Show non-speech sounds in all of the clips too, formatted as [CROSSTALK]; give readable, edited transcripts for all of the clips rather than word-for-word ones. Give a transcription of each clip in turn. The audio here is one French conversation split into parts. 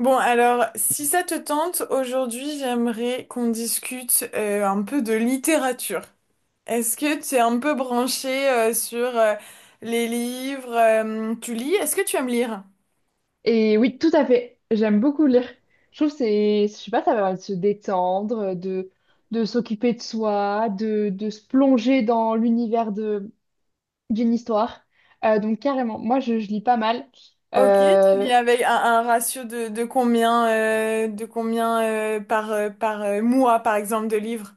Bon, alors, si ça te tente, aujourd'hui, j'aimerais qu'on discute un peu de littérature. Est-ce que tu es un peu branché sur les livres tu lis? Est-ce que tu aimes lire? Et oui, tout à fait. J'aime beaucoup lire. Je trouve que c'est, je sais pas, ça va de se détendre, de s'occuper de soi, de se plonger dans l'univers de, d'une histoire. Donc carrément, moi je lis pas mal. Ok, tu Euh, lis avec un ratio de combien par, par mois, par exemple, de livres?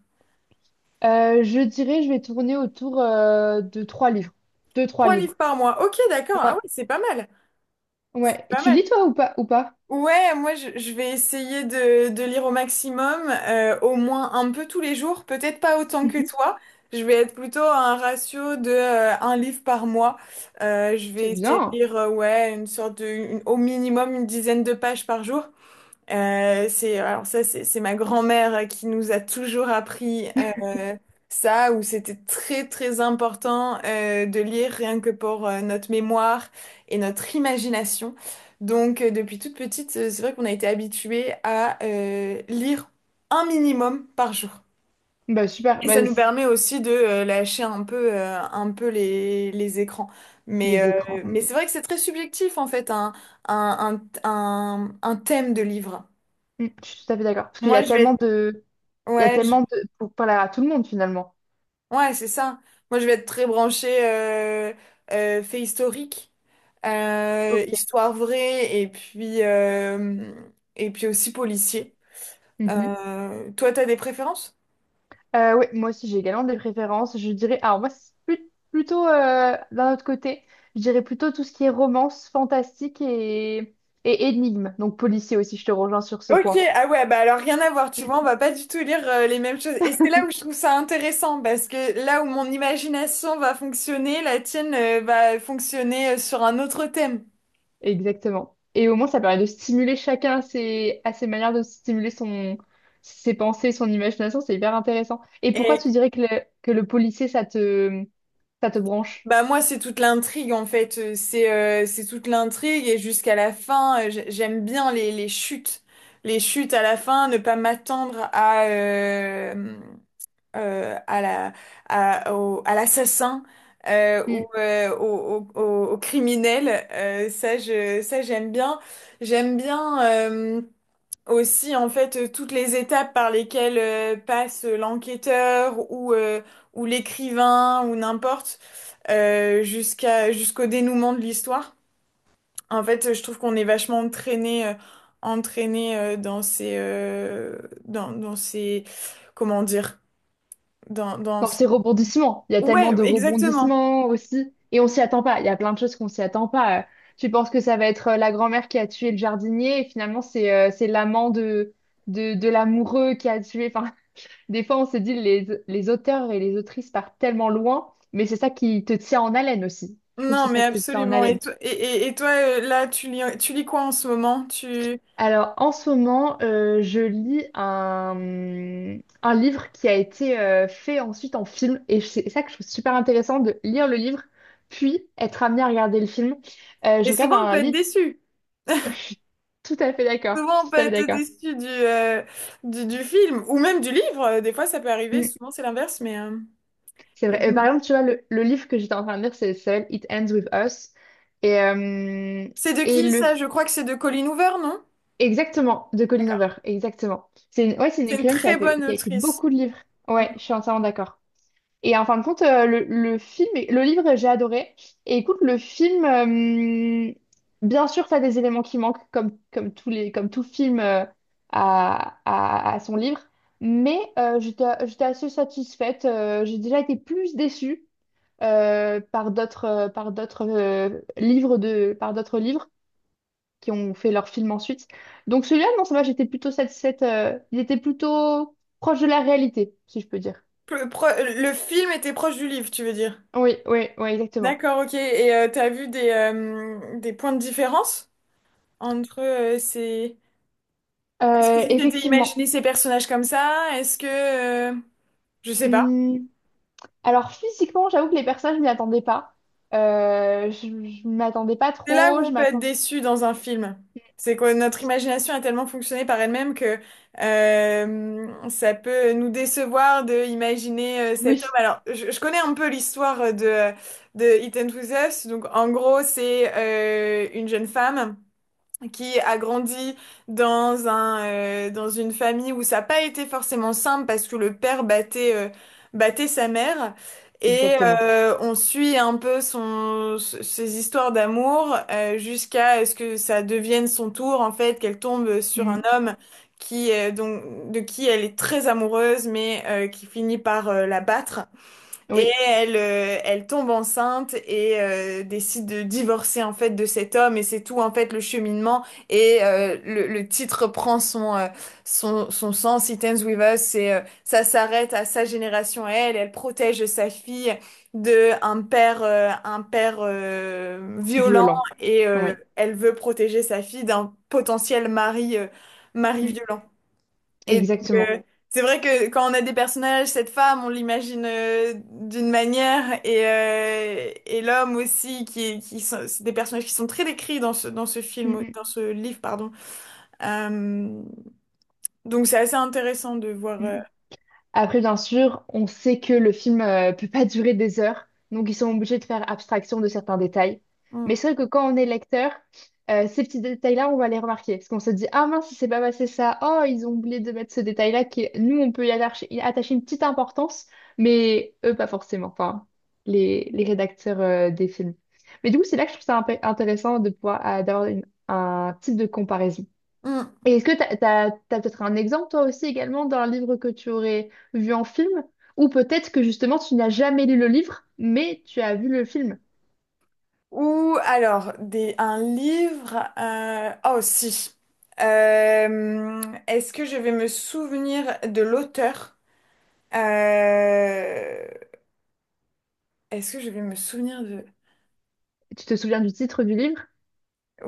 je dirais, je vais tourner autour de trois livres. Deux, trois Trois livres livres. par mois. Ok, d'accord. Ah Ouais, oui, c'est pas mal. ouais. Et Pas tu mal. lis toi ou pas, ou pas? Ouais, moi je vais essayer de lire au maximum, au moins un peu tous les jours, peut-être pas autant que Mhm. toi. Je vais être plutôt à un ratio de un livre par mois. Je C'est vais essayer de bien. lire ouais une sorte de une- au minimum une dizaine de pages par jour. Alors ça, c'est ma grand-mère qui nous a toujours appris euh, ça, où c'était très très important de lire rien que pour notre mémoire et notre imagination. Depuis toute petite, c'est vrai qu'on a été habitué à lire un minimum par jour. Bah super. Et ça Bah, nous c- permet aussi de lâcher un peu les écrans. Mais, les écrans. euh, Mm, mais c'est vrai que c'est très subjectif en fait, un thème de livre. mm, je suis tout à fait d'accord. Parce qu'il y Moi, a je vais tellement être de, il y a Ouais, je- tellement de pour parler à tout le monde finalement. Ouais, c'est ça. Moi, je vais être très branchée fait historique, Ok. Histoire vraie, et puis aussi policier. Mhm. Toi, t'as des préférences? Oui, moi aussi j'ai également des préférences. Je dirais, alors moi c'est plus- plutôt d'un autre côté, je dirais plutôt tout ce qui est romance, fantastique et énigme, donc policier aussi, je te rejoins sur ce Ok, point. ah ouais, bah alors rien à voir, tu vois, on Mm. va pas du tout lire les mêmes choses. Et c'est là où je trouve ça intéressant, parce que là où mon imagination va fonctionner, la tienne va fonctionner sur un autre thème. Exactement. Et au moins ça permet de stimuler chacun à ses manières de stimuler son, ses pensées, son imagination, c'est hyper intéressant. Et pourquoi tu dirais que le policier ça te branche? Bah moi c'est toute l'intrigue en fait. C'est toute l'intrigue et jusqu'à la fin. J'aime bien les chutes à la fin, ne pas m'attendre euh, à la à l'assassin ou au, au, au- au criminel. Ça j'aime bien, j'aime bien. Aussi en fait toutes les étapes par lesquelles passe l'enquêteur ou l'écrivain ou n'importe jusqu'au dénouement de l'histoire. En fait, je trouve qu'on est vachement entraîné dans ces dans dans ces comment dire dans dans Dans ces ces rebondissements, il y a tellement ouais de exactement. rebondissements aussi. Et on s'y attend pas. Il y a plein de choses qu'on s'y attend pas. Tu penses que ça va être la grand-mère qui a tué le jardinier et finalement c'est l'amant de, de l'amoureux qui a tué. Enfin, [LAUGHS] des fois on se dit les auteurs et les autrices partent tellement loin, mais c'est ça qui te tient en haleine aussi. Je trouve que Non, c'est mais ça qui te tient en absolument. Et haleine. toi, et, et- et toi euh, là, tu lis quoi en ce moment? Tu Alors, en ce moment, je lis un livre qui a été fait ensuite en film. Et c'est ça que je trouve super intéressant de lire le livre, puis être amené à regarder le film. Je et regarde souvent on peut un être livre, déçu. [LAUGHS] je suis tout à fait d'accord. Je Souvent, on suis peut tout à fait être d'accord. déçu du film ou même du livre. Des fois, ça peut arriver. Mm, Souvent, c'est l'inverse. C'est Et vrai. Et donc, par exemple, tu vois, le livre que j'étais en train de lire, c'est seul, It Ends With Us. Et, euh, c'est de et qui le... ça? Je crois que c'est de Colleen Hoover, non? Exactement, de Colleen Hoover. Exactement. C'est une... Ouais, c'est une C'est une écrivaine qui a très fait... bonne qui a écrit autrice. beaucoup de livres. Mm. Ouais, je suis entièrement d'accord. Et en fin de compte, le film, est- le livre, j'ai adoré. Et écoute, le film, bien sûr, t'as des éléments qui manquent, comme, comme tous les, comme tout film à, à son livre. Mais j'étais, j'étais assez satisfaite. J'ai déjà été plus déçue par d'autres, par d'autres livres de, par d'autres livres qui ont fait leur film ensuite. Donc celui-là, non, ça va, j'étais plutôt satisfaite. Il était plutôt proche de la réalité, si je peux dire. Le film était proche du livre, tu veux dire? Oui, oui, oui, exactement. D'accord, ok. Et t'as vu des points de différence entre ces... Est-ce que tu t'étais imaginé Effectivement. ces personnages comme ça? Je sais pas. Hmm. Alors physiquement, j'avoue que les personnes je m'y attendais pas. Je ne m'attendais pas C'est là où trop. on Je peut être m'attends. déçu dans un film. C'est que notre imagination a tellement fonctionné par elle-même que ça peut nous décevoir de imaginer cet homme. Oui, Alors, je connais un peu l'histoire de Ethan Ends With Us. Donc, en gros, c'est une jeune femme qui a grandi dans dans une famille où ça n'a pas été forcément simple parce que le père battait sa mère. Exactement. On suit un peu son, ses histoires d'amour jusqu'à ce que ça devienne son tour, en fait, qu'elle tombe sur Hmm. un homme de qui elle est très amoureuse, qui finit par la battre. Oui, Elle tombe enceinte et décide de divorcer en fait de cet homme et c'est tout en fait le cheminement le titre prend son sens, It Ends With Us et ça s'arrête à sa génération à elle, elle protège sa fille de un père violent violent. et Oui, elle veut protéger sa fille d'un potentiel mari, mari hmm. violent. Et donc, euh, Exactement. c'est vrai que quand on a des personnages, cette femme, on l'imagine d'une manière, et l'homme aussi, qui sont, c'est des personnages qui sont très décrits dans ce Hmm, film, dans hmm, ce livre, pardon. Euh, donc, c'est assez intéressant de voir. Hmm. Après, bien sûr, on sait que le film peut pas durer des heures, donc ils sont obligés de faire abstraction de certains détails. Mais hum, c'est vrai que quand on est lecteur, ces petits détails-là, on va les remarquer. Parce qu'on se dit, ah mince, il s'est pas passé ça. Oh, ils ont oublié de mettre ce détail-là qui, nous, on peut y attacher une petite importance, mais eux, pas forcément. Enfin, les rédacteurs des films. Mais du coup, c'est là que je trouve ça un peu intéressant de pouvoir d'avoir une- un type de comparaison. hum. Et est-ce que t'as, t'as, t'as peut-être un exemple, toi aussi, également, d'un livre que tu aurais vu en film, ou peut-être que justement tu n'as jamais lu le livre, mais tu as vu le film. Ou alors, des, un livre. Oh, si. Euh, Est-ce que je vais me souvenir de l'auteur? Euh, Est-ce que je vais me souvenir de... Tu te souviens du titre du livre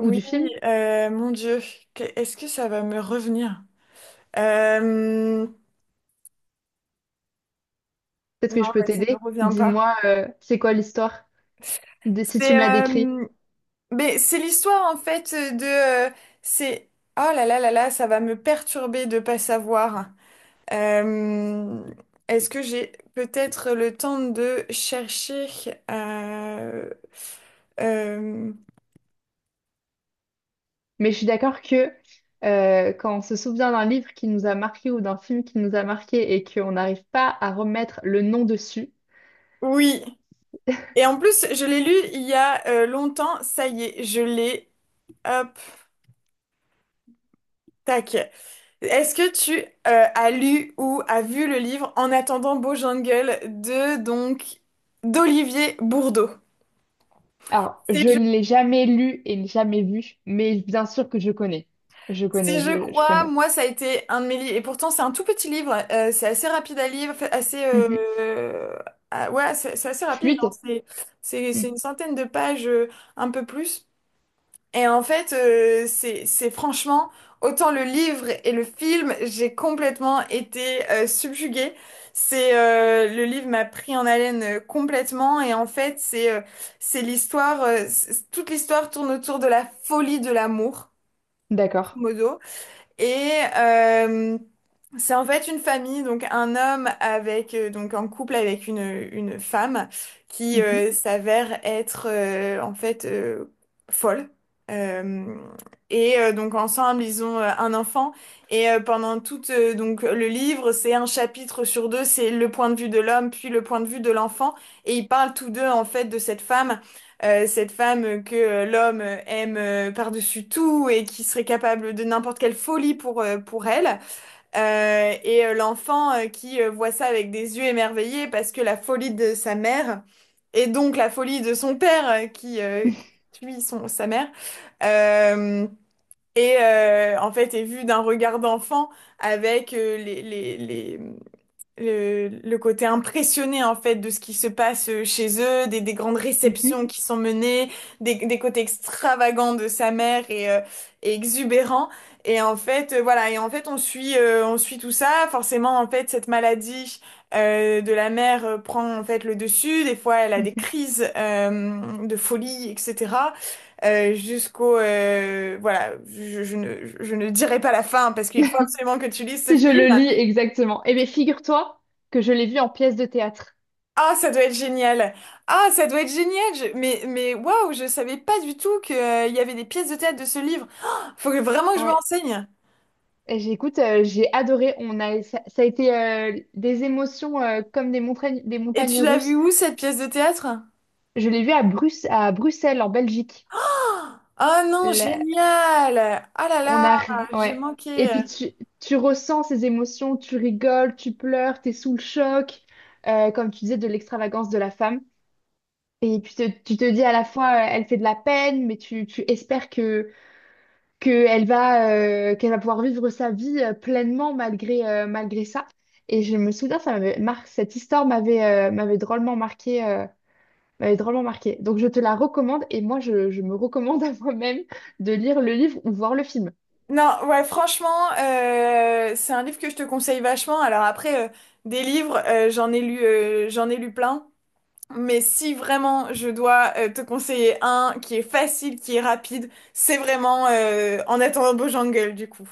ou du film? Mon Dieu, est-ce que ça va me revenir? Euh, Peut-être non, que je peux mais ça ne me t'aider. revient pas. Dis-moi, c'est quoi l'histoire, de- si tu C'est me la décris. Mais c'est l'histoire en fait de c'est oh là là là là, ça va me perturber de pas savoir. Euh, Est-ce que j'ai peut-être le temps de chercher euh, euh, Mais je suis d'accord que quand on se souvient d'un livre qui nous a marqué ou d'un film qui nous a marqué et qu'on n'arrive pas à remettre le nom dessus, oui. Et en plus, je l'ai lu il y a longtemps. Ça y est, je l'ai. Hop, tac. Est-ce que tu as lu ou as vu le livre En attendant Beau Jungle de d'Olivier Bourdeau? alors, C'est je je, l'ai jamais lu et jamais vu, mais bien sûr que je connais. Je connais, je je crois, connais. moi ça a été un de mes livres. Et pourtant c'est un tout petit livre, c'est assez rapide à lire, assez Mhm. Ah, ouais, c'est assez rapide, hein. Fluide? C'est Mm. une centaine de pages, un peu plus. Et en fait, c'est franchement, autant le livre et le film, j'ai complètement été subjuguée. C'est Le livre m'a pris en haleine complètement et en fait, c'est l'histoire, toute l'histoire tourne autour de la folie de l'amour, D'accord. modo. Et euh, c'est en fait une famille, donc un homme avec donc en couple avec une femme qui Mhm. S'avère être en fait folle. Euh, donc ensemble ils ont un enfant et pendant tout donc le livre c'est un chapitre sur deux, c'est le point de vue de l'homme puis le point de vue de l'enfant et ils parlent tous deux en fait de cette femme, cette femme que l'homme aime par-dessus tout et qui serait capable de n'importe quelle folie pour elle, l'enfant qui voit ça avec des yeux émerveillés parce que la folie de sa mère, et donc la folie de son père qui tue sa mère, euh, en fait est vue d'un regard d'enfant avec le côté impressionné en fait de ce qui se passe chez eux, des grandes Mhm. réceptions qui sont menées, des côtés extravagants de sa mère et exubérants. Et en fait, voilà, et en fait on suit tout ça. Forcément, en fait, cette maladie de la mère prend en fait le dessus. Des fois, elle a des Mhm. crises de folie, etc. Jusqu'au Voilà, je ne dirai pas la fin parce qu'il faut absolument que tu lises ce Si je film. le lis exactement. Eh bien, figure-toi que je l'ai vu en pièce de théâtre. Ah, ça doit être génial. Ah, ça doit être génial. Mais waouh, je savais pas du tout qu'il y avait des pièces de théâtre de ce livre. Oh, vraiment que je me Ouais. renseigne. Et j'écoute, j'ai adoré. On a, ça a été des émotions comme des Et montagnes tu l'as vu russes. où cette pièce de théâtre? Je l'ai vu à Bruce, à Bruxelles, en Belgique. Oh non, génial. Ah là On là, a, j'ai ouais. Et manqué. puis tu ressens ces émotions, tu rigoles, tu pleures, t'es sous le choc, comme tu disais, de l'extravagance de la femme. Et puis te- tu te dis à la fois, elle fait de la peine, mais tu espères que elle va, qu'elle va pouvoir vivre sa vie pleinement malgré, malgré ça. Et je me souviens, ça m'avait mar- cette histoire m'avait m'avait drôlement marqué, m'avait drôlement marqué. Donc je te la recommande et moi je me recommande [LAUGHS] à moi-même de lire le livre ou voir le film. Non, ouais, franchement, c'est un livre que je te conseille vachement. Alors après, des livres, j'en ai lu plein. Mais si vraiment je dois te conseiller un qui est facile, qui est rapide, c'est vraiment En attendant Jungle du coup.